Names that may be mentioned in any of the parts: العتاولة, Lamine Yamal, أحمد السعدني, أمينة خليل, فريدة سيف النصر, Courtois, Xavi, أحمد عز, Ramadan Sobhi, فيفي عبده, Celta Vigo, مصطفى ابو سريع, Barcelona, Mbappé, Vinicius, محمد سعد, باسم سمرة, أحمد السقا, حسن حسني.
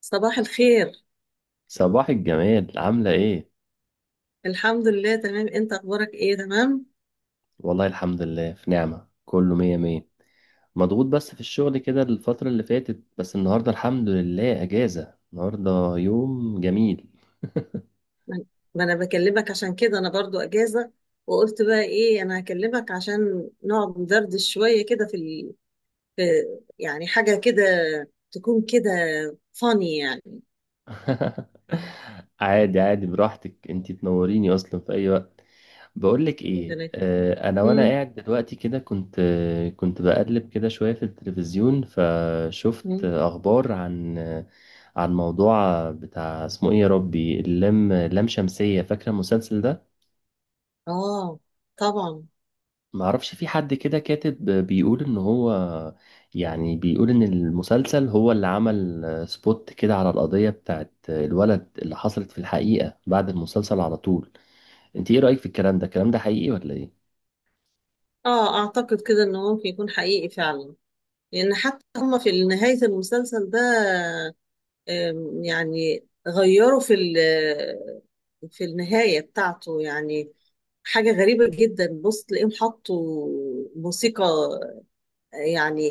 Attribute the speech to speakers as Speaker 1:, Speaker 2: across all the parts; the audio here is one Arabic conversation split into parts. Speaker 1: صباح الخير.
Speaker 2: صباح الجمال، عاملة ايه؟
Speaker 1: الحمد لله، تمام. انت اخبارك ايه؟ تمام.
Speaker 2: والله الحمد لله في نعمة، كله مية مية. مضغوط بس في الشغل كده الفترة اللي فاتت، بس النهاردة الحمد لله أجازة. النهاردة يوم جميل.
Speaker 1: ما ما انا بكلمك عشان كده، انا برضو اجازة. وقلت بقى ايه، انا هكلمك عشان نقعد ندردش شوية كده في، يعني حاجة كده تكون كده، فاني يعني.
Speaker 2: عادي عادي، براحتك انتي، تنوريني أصلا في أي وقت. بقولك ايه، أنا. وأنا
Speaker 1: امم
Speaker 2: قاعد دلوقتي كده كنت بقلب كده شوية في التلفزيون، فشفت
Speaker 1: امم
Speaker 2: أخبار عن عن موضوع بتاع اسمه ايه يا ربي، اللام لام شمسية. فاكرة المسلسل ده؟
Speaker 1: اه، طبعا.
Speaker 2: معرفش، في حد كده كاتب بيقول ان هو، يعني بيقول ان المسلسل هو اللي عمل سبوت كده على القضية بتاعت الولد اللي حصلت في الحقيقة بعد المسلسل على طول. انت ايه رأيك في الكلام ده؟ الكلام ده حقيقي ولا ايه؟
Speaker 1: اه، اعتقد كده انه ممكن يكون حقيقي فعلا، لان حتى هم في نهاية المسلسل ده يعني غيروا في النهاية بتاعته، يعني حاجة غريبة جدا. بص، تلاقيهم حطوا موسيقى يعني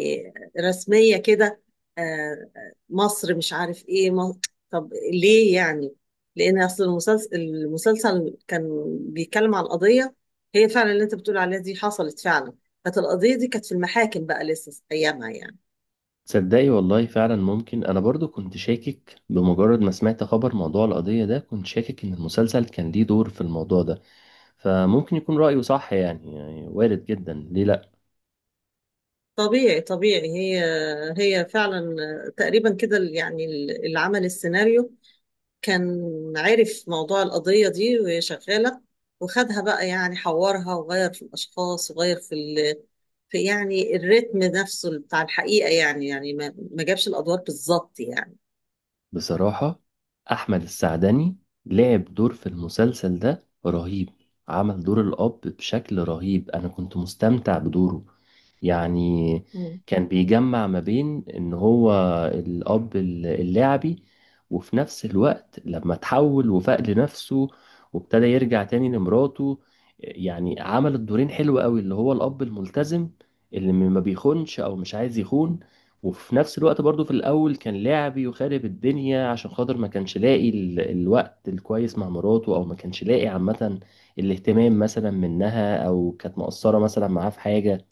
Speaker 1: رسمية كده. آه، مصر مش عارف ايه مصر. طب ليه يعني؟ لأن أصل المسلسل، كان بيتكلم عن قضية هي فعلا اللي أنت بتقول عليها، دي حصلت فعلا. كانت القضية دي كانت في المحاكم بقى لسه أيامها يعني.
Speaker 2: تصدقي والله فعلا ممكن، انا برضو كنت شاكك بمجرد ما سمعت خبر موضوع القضية ده، كنت شاكك ان المسلسل كان ليه دور في الموضوع ده. فممكن يكون رأيه صح يعني، وارد جدا، ليه لا.
Speaker 1: طبيعي طبيعي، هي فعلا تقريبا كده يعني. اللي عمل السيناريو كان عارف موضوع القضية دي وهي شغالة، وخدها بقى يعني حورها وغير في الأشخاص وغير في يعني الريتم نفسه بتاع الحقيقة، يعني يعني ما جابش الأدوار بالظبط يعني.
Speaker 2: بصراحة، أحمد السعدني لعب دور في المسلسل ده رهيب. عمل دور الأب بشكل رهيب، أنا كنت مستمتع بدوره يعني.
Speaker 1: مم.
Speaker 2: كان بيجمع ما بين إن هو الأب اللاعبي، وفي نفس الوقت لما تحول وفاق لنفسه وابتدى يرجع تاني لمراته. يعني عمل الدورين حلو قوي، اللي هو الأب الملتزم اللي ما بيخونش أو مش عايز يخون، وفي نفس الوقت برضو في الأول كان لعبي وخارب الدنيا، عشان خاطر ما كانش لاقي الوقت الكويس مع مراته، أو ما كانش لاقي عامة الاهتمام مثلا منها، أو كانت مقصرة مثلا معاه في حاجة.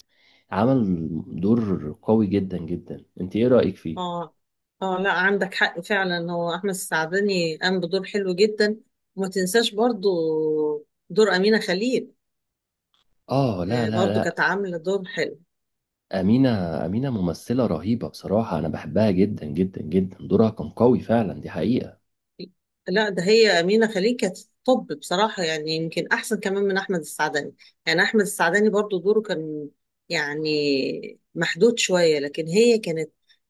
Speaker 2: عمل دور قوي جدا جدا، انت ايه رأيك فيه؟
Speaker 1: اه، اه، لا، عندك حق فعلا. هو أحمد السعدني قام بدور حلو جدا، وما تنساش برضو دور أمينة خليل.
Speaker 2: اه لا لا
Speaker 1: برضو
Speaker 2: لا.
Speaker 1: كانت عاملة دور حلو.
Speaker 2: أمينة أمينة ممثلة رهيبة بصراحة، أنا بحبها جدا جدا جدا، دورها كان قوي فعلا، دي حقيقة.
Speaker 1: لا، ده هي أمينة خليل كانت، طب بصراحة يعني يمكن أحسن كمان من أحمد السعداني. يعني أحمد السعداني برضو دوره كان يعني محدود شوية، لكن هي كانت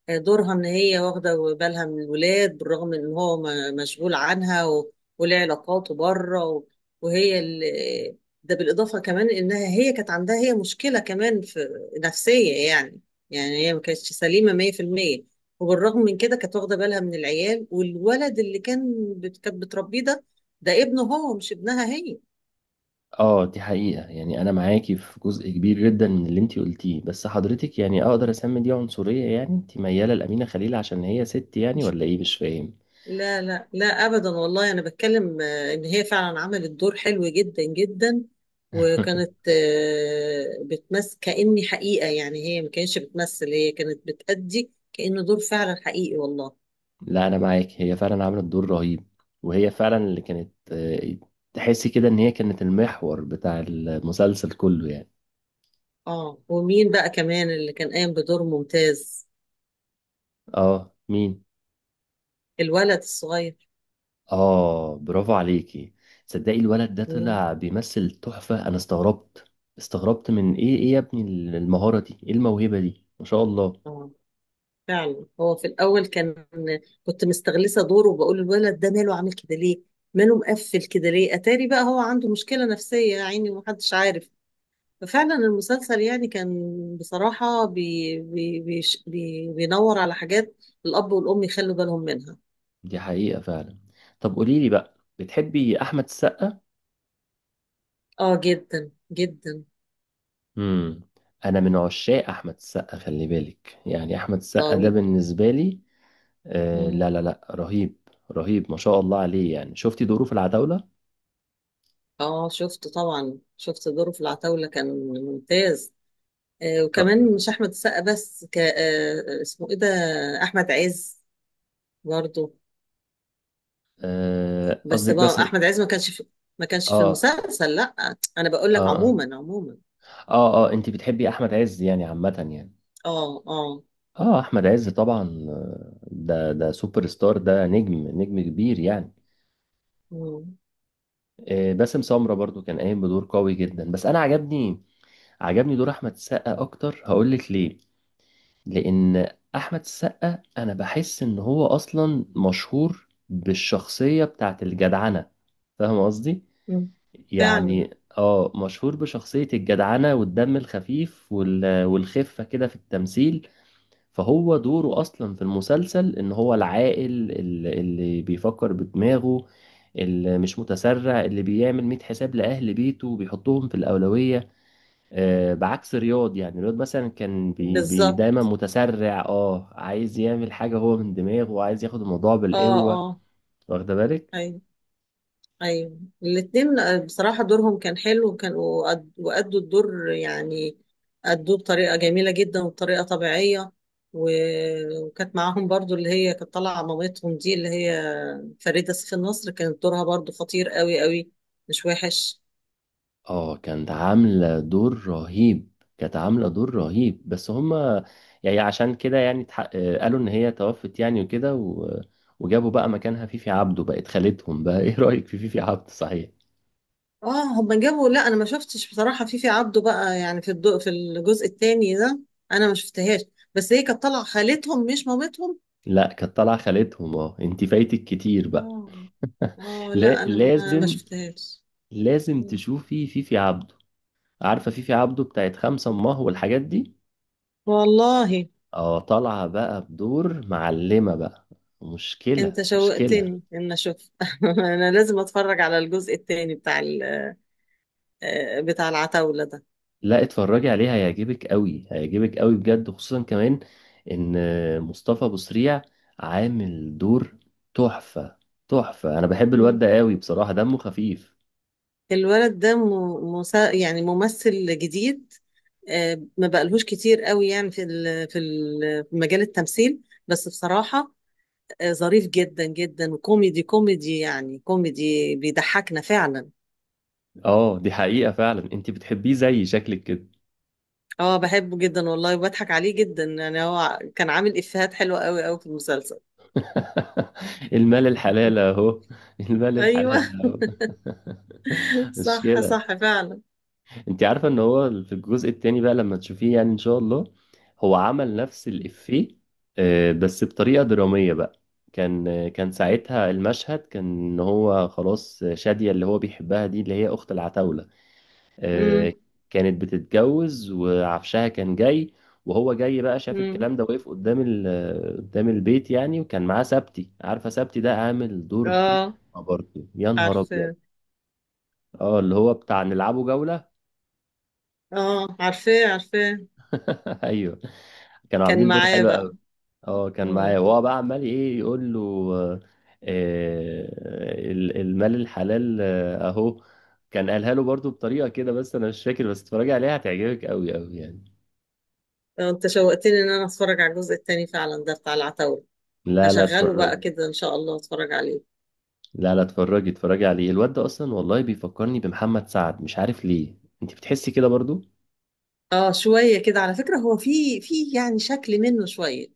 Speaker 1: دورها إن هي واخدة بالها من الولاد، بالرغم إن هو مشغول عنها، وليه علاقاته بره، وهي ده بالإضافة كمان إنها هي كانت عندها هي مشكلة كمان في نفسية يعني. يعني هي ما كانتش سليمة 100%، وبالرغم من كده كانت واخده بالها من العيال، والولد اللي كان كانت بتربيه ده، ده ابنه هو مش ابنها هي.
Speaker 2: اه دي حقيقة، يعني انا معاكي في جزء كبير جدا من اللي انتي قلتيه، بس حضرتك يعني اقدر اسمي دي عنصرية؟ يعني انتي ميالة لأمينة خليل عشان هي ست يعني، ولا ايه؟ مش فاهم.
Speaker 1: لا لا لا، ابدا والله، انا بتكلم ان هي فعلا عملت دور حلو جدا جدا، وكانت بتمثل كأني حقيقه. يعني هي ما كانتش بتمثل، هي كانت بتأدي كأنه دور فعلا حقيقي والله.
Speaker 2: لا انا معاك، هي فعلا عملت دور رهيب. وهي فعلا اللي كانت تحسي كده ان هي كانت المحور بتاع المسلسل كله يعني.
Speaker 1: اه، ومين بقى كمان اللي كان قايم بدور ممتاز؟
Speaker 2: اه مين؟
Speaker 1: الولد الصغير.
Speaker 2: اه برافو عليكي. تصدقي الولد ده
Speaker 1: مم.
Speaker 2: طلع بيمثل تحفة، انا استغربت. من ايه، ايه يا ابني المهارة دي، ايه الموهبة دي، ما شاء الله.
Speaker 1: اه، فعلا هو في الأول كان كنت مستغلسة دوره وبقول الولد ده ماله عامل كده ليه؟ ماله مقفل كده ليه؟ أتاري بقى هو عنده مشكلة نفسية يا عيني ومحدش عارف. ففعلا المسلسل يعني كان بصراحة بي بي بيش- بي بينور على حاجات الأب والأم يخلوا بالهم منها.
Speaker 2: دي حقيقة فعلا. طب قولي لي بقى، بتحبي أحمد السقا؟
Speaker 1: آه، جدا جدا.
Speaker 2: امم. أنا من عشاق أحمد السقا، خلي بالك، يعني أحمد السقا ده
Speaker 1: طبيعي.
Speaker 2: بالنسبة لي لا
Speaker 1: مم.
Speaker 2: لا لا، رهيب. رهيب ما شاء الله عليه. يعني شفتي دوره في العتاولة؟
Speaker 1: آه، شفته طبعا، شفت دوره في العتاولة كان ممتاز. آه، وكمان
Speaker 2: طب،
Speaker 1: مش أحمد السقا بس، ك اسمه إيه ده، أحمد عز برضه. بس
Speaker 2: قصدك بس
Speaker 1: بقى احمد عز ما كانش في، ما كانش في
Speaker 2: آه
Speaker 1: المسلسل، لا انا بقول لك
Speaker 2: آه
Speaker 1: عموما عموما.
Speaker 2: أنت بتحبي أحمد عز يعني، عامة يعني؟
Speaker 1: اه، اه.
Speaker 2: أحمد عز طبعا. ده سوبر ستار، ده نجم نجم كبير يعني.
Speaker 1: مم.
Speaker 2: باسم سمرة برضو كان قايم بدور قوي جدا، بس انا عجبني. دور احمد السقا اكتر، هقولك ليه. لان احمد السقا انا بحس ان هو اصلا مشهور بالشخصيه بتاعت الجدعنه، فاهم قصدي؟
Speaker 1: مم. فعلا.
Speaker 2: يعني اه، مشهور بشخصيه الجدعنه والدم الخفيف والخفه كده في التمثيل. فهو دوره اصلا في المسلسل ان هو العاقل، اللي بيفكر بدماغه، اللي مش متسرع، اللي بيعمل 100 حساب لاهل بيته وبيحطهم في الاولويه. بعكس رياض، يعني رياض مثلا كان بي بي دايما
Speaker 1: بالظبط.
Speaker 2: متسرع، اه عايز يعمل حاجة هو من دماغه وعايز ياخد الموضوع
Speaker 1: اه،
Speaker 2: بالقوة.
Speaker 1: اه.
Speaker 2: واخدة بالك.
Speaker 1: ايوه، ايوه الاتنين. بصراحة دورهم كان حلو، وكانوا وأدوا الدور يعني. أدوه بطريقة جميلة جدا وبطريقة طبيعية، و- وكانت معاهم برضو اللي هي كانت طالعة مامتهم، دي اللي هي فريدة سيف النصر، كانت دورها برضو خطير قوي قوي، مش وحش.
Speaker 2: اه كانت عاملة دور رهيب. كانت عاملة دور رهيب، بس هما يعني عشان كده يعني قالوا ان هي توفت يعني وكده وجابوا بقى مكانها فيفي عبده بقت خالتهم بقى. ايه رأيك في فيفي عبده صحيح؟
Speaker 1: اه، هما جابوا، لا انا ما شفتش بصراحه فيفي عبده بقى يعني في الضوء في الجزء الثاني ده، انا ما شفتهاش. بس هي كانت طالعه خالتهم مش مامتهم.
Speaker 2: لا كانت طالعة خالتهم، اه انت فايتك كتير بقى.
Speaker 1: اه. اه،
Speaker 2: لا
Speaker 1: لا انا ما
Speaker 2: لازم.
Speaker 1: شفتهاش.
Speaker 2: لازم
Speaker 1: مم.
Speaker 2: تشوفي فيفي عبده. عارفة فيفي عبده بتاعت خمسة أمه والحاجات دي؟
Speaker 1: والله،
Speaker 2: اه طالعة بقى بدور معلمة بقى. مشكلة
Speaker 1: انت
Speaker 2: مشكلة.
Speaker 1: شوقتني ان اشوف. انا لازم اتفرج على الجزء الثاني بتاع بتاع العتاوله ده.
Speaker 2: لا اتفرجي عليها، هيعجبك قوي، هيعجبك قوي بجد، خصوصا كمان ان مصطفى ابو سريع عامل دور تحفة. تحفة، انا بحب الواد
Speaker 1: مم.
Speaker 2: ده قوي بصراحة، دمه خفيف.
Speaker 1: الولد ده مسا يعني ممثل جديد، ما بقالهوش كتير قوي يعني في في في مجال التمثيل. بس بصراحة ظريف جدا جدا وكوميدي، كوميدي يعني، كوميدي بيضحكنا فعلا.
Speaker 2: اه دي حقيقة فعلا، انت بتحبيه زي شكلك كده.
Speaker 1: اه، بحبه جدا والله وبضحك عليه جدا. يعني هو كان عامل افيهات حلوه قوي قوي في المسلسل.
Speaker 2: المال الحلال اهو. المال
Speaker 1: ايوه.
Speaker 2: الحلال اهو.
Speaker 1: صح
Speaker 2: مشكلة.
Speaker 1: صح فعلا.
Speaker 2: انت عارفه ان هو في الجزء التاني بقى، لما تشوفيه يعني ان شاء الله، هو عمل نفس الافيه، بس بطريقه دراميه بقى. كان ساعتها المشهد كان ان هو خلاص، شاديه اللي هو بيحبها دي، اللي هي اخت العتاوله،
Speaker 1: امم.
Speaker 2: آه، كانت بتتجوز وعفشها كان جاي. وهو جاي بقى شاف
Speaker 1: امم.
Speaker 2: الكلام ده، واقف قدام قدام البيت يعني، وكان معاه سبتي. عارفه سبتي ده؟ عامل دور
Speaker 1: اه،
Speaker 2: تحفه برضه، يا نهار ابيض.
Speaker 1: عارفاه.
Speaker 2: اه اللي هو بتاع نلعبه جوله.
Speaker 1: اه، عارفاه، عارفاه.
Speaker 2: ايوه. كانوا
Speaker 1: كان
Speaker 2: عاملين دور
Speaker 1: معاه
Speaker 2: حلو
Speaker 1: بقى.
Speaker 2: قوي. اه كان معايا،
Speaker 1: امم.
Speaker 2: وهو بقى عمال ايه يقول له آه، المال الحلال اهو. كان قالها له برضو بطريقة كده بس انا مش فاكر، بس اتفرجي عليها هتعجبك قوي قوي يعني.
Speaker 1: انت شوقتني ان انا اتفرج على الجزء التاني فعلا ده بتاع العتاولة.
Speaker 2: لا لا
Speaker 1: هشغله بقى
Speaker 2: اتفرجي.
Speaker 1: كده ان شاء الله اتفرج عليه.
Speaker 2: لا لا اتفرجي، اتفرجي عليه. الواد ده اصلا والله بيفكرني بمحمد سعد، مش عارف ليه، انت بتحسي كده برضو؟
Speaker 1: اه، شوية كده على فكرة، هو في يعني شكل منه شوية.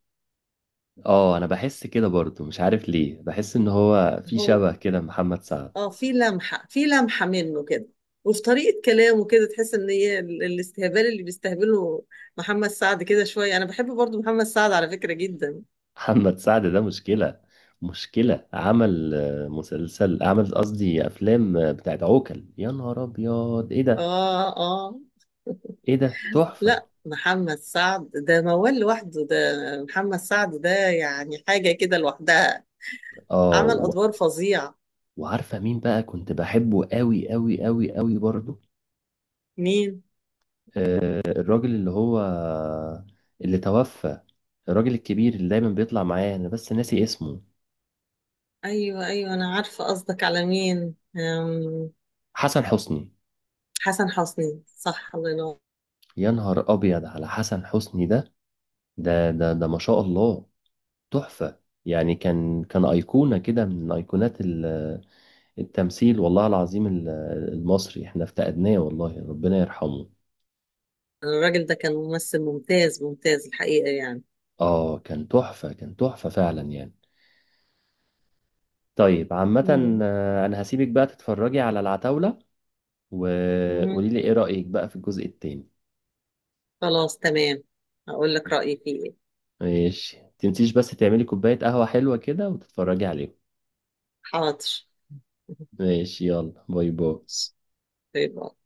Speaker 2: اه انا بحس كده برضو، مش عارف ليه، بحس ان هو في
Speaker 1: هو
Speaker 2: شبه كده محمد سعد.
Speaker 1: اه، في لمحة منه كده، وفي طريقة كلامه كده تحس ان هي الاستهبال اللي بيستهبله محمد سعد كده شوية. انا بحب برضو محمد سعد على فكرة جدا.
Speaker 2: محمد سعد ده مشكلة. مشكلة. عمل مسلسل، عمل قصدي أفلام بتاعت عوكل، يا نهار أبيض إيه ده.
Speaker 1: اه، اه،
Speaker 2: إيه ده تحفة.
Speaker 1: لا، محمد سعد ده موال لوحده ده، محمد سعد ده يعني حاجة كده لوحدها.
Speaker 2: آه
Speaker 1: عمل
Speaker 2: و...
Speaker 1: ادوار فظيعة.
Speaker 2: وعارفة مين بقى كنت بحبه قوي قوي قوي قوي برضو؟
Speaker 1: مين؟
Speaker 2: الراجل اللي هو اللي توفى، الراجل الكبير اللي دايما بيطلع معايا، أنا بس ناسي اسمه.
Speaker 1: ايوه، ايوه انا عارفة قصدك على مين.
Speaker 2: حسن حسني.
Speaker 1: حسن حسني. صح، الله ينور.
Speaker 2: يا نهار أبيض على حسن حسني. ده ما شاء الله، تحفة. يعني كان أيقونة كده من أيقونات التمثيل، والله العظيم، المصري، احنا افتقدناه، والله ربنا يرحمه.
Speaker 1: الراجل ده كان ممثل ممتاز ممتاز الحقيقة يعني.
Speaker 2: اه كان تحفة. كان تحفة فعلا يعني. طيب عامة،
Speaker 1: مم.
Speaker 2: انا هسيبك بقى تتفرجي على العتاولة،
Speaker 1: مم.
Speaker 2: وقولي لي ايه رأيك بقى في الجزء التاني.
Speaker 1: خلاص، تمام. هقول لك رأيي فيه ايه.
Speaker 2: ماشي، تنسيش بس تعملي كوباية قهوة حلوة كده وتتفرجي عليهم.
Speaker 1: حاضر.
Speaker 2: ماشي، يلا باي باي.
Speaker 1: طيب.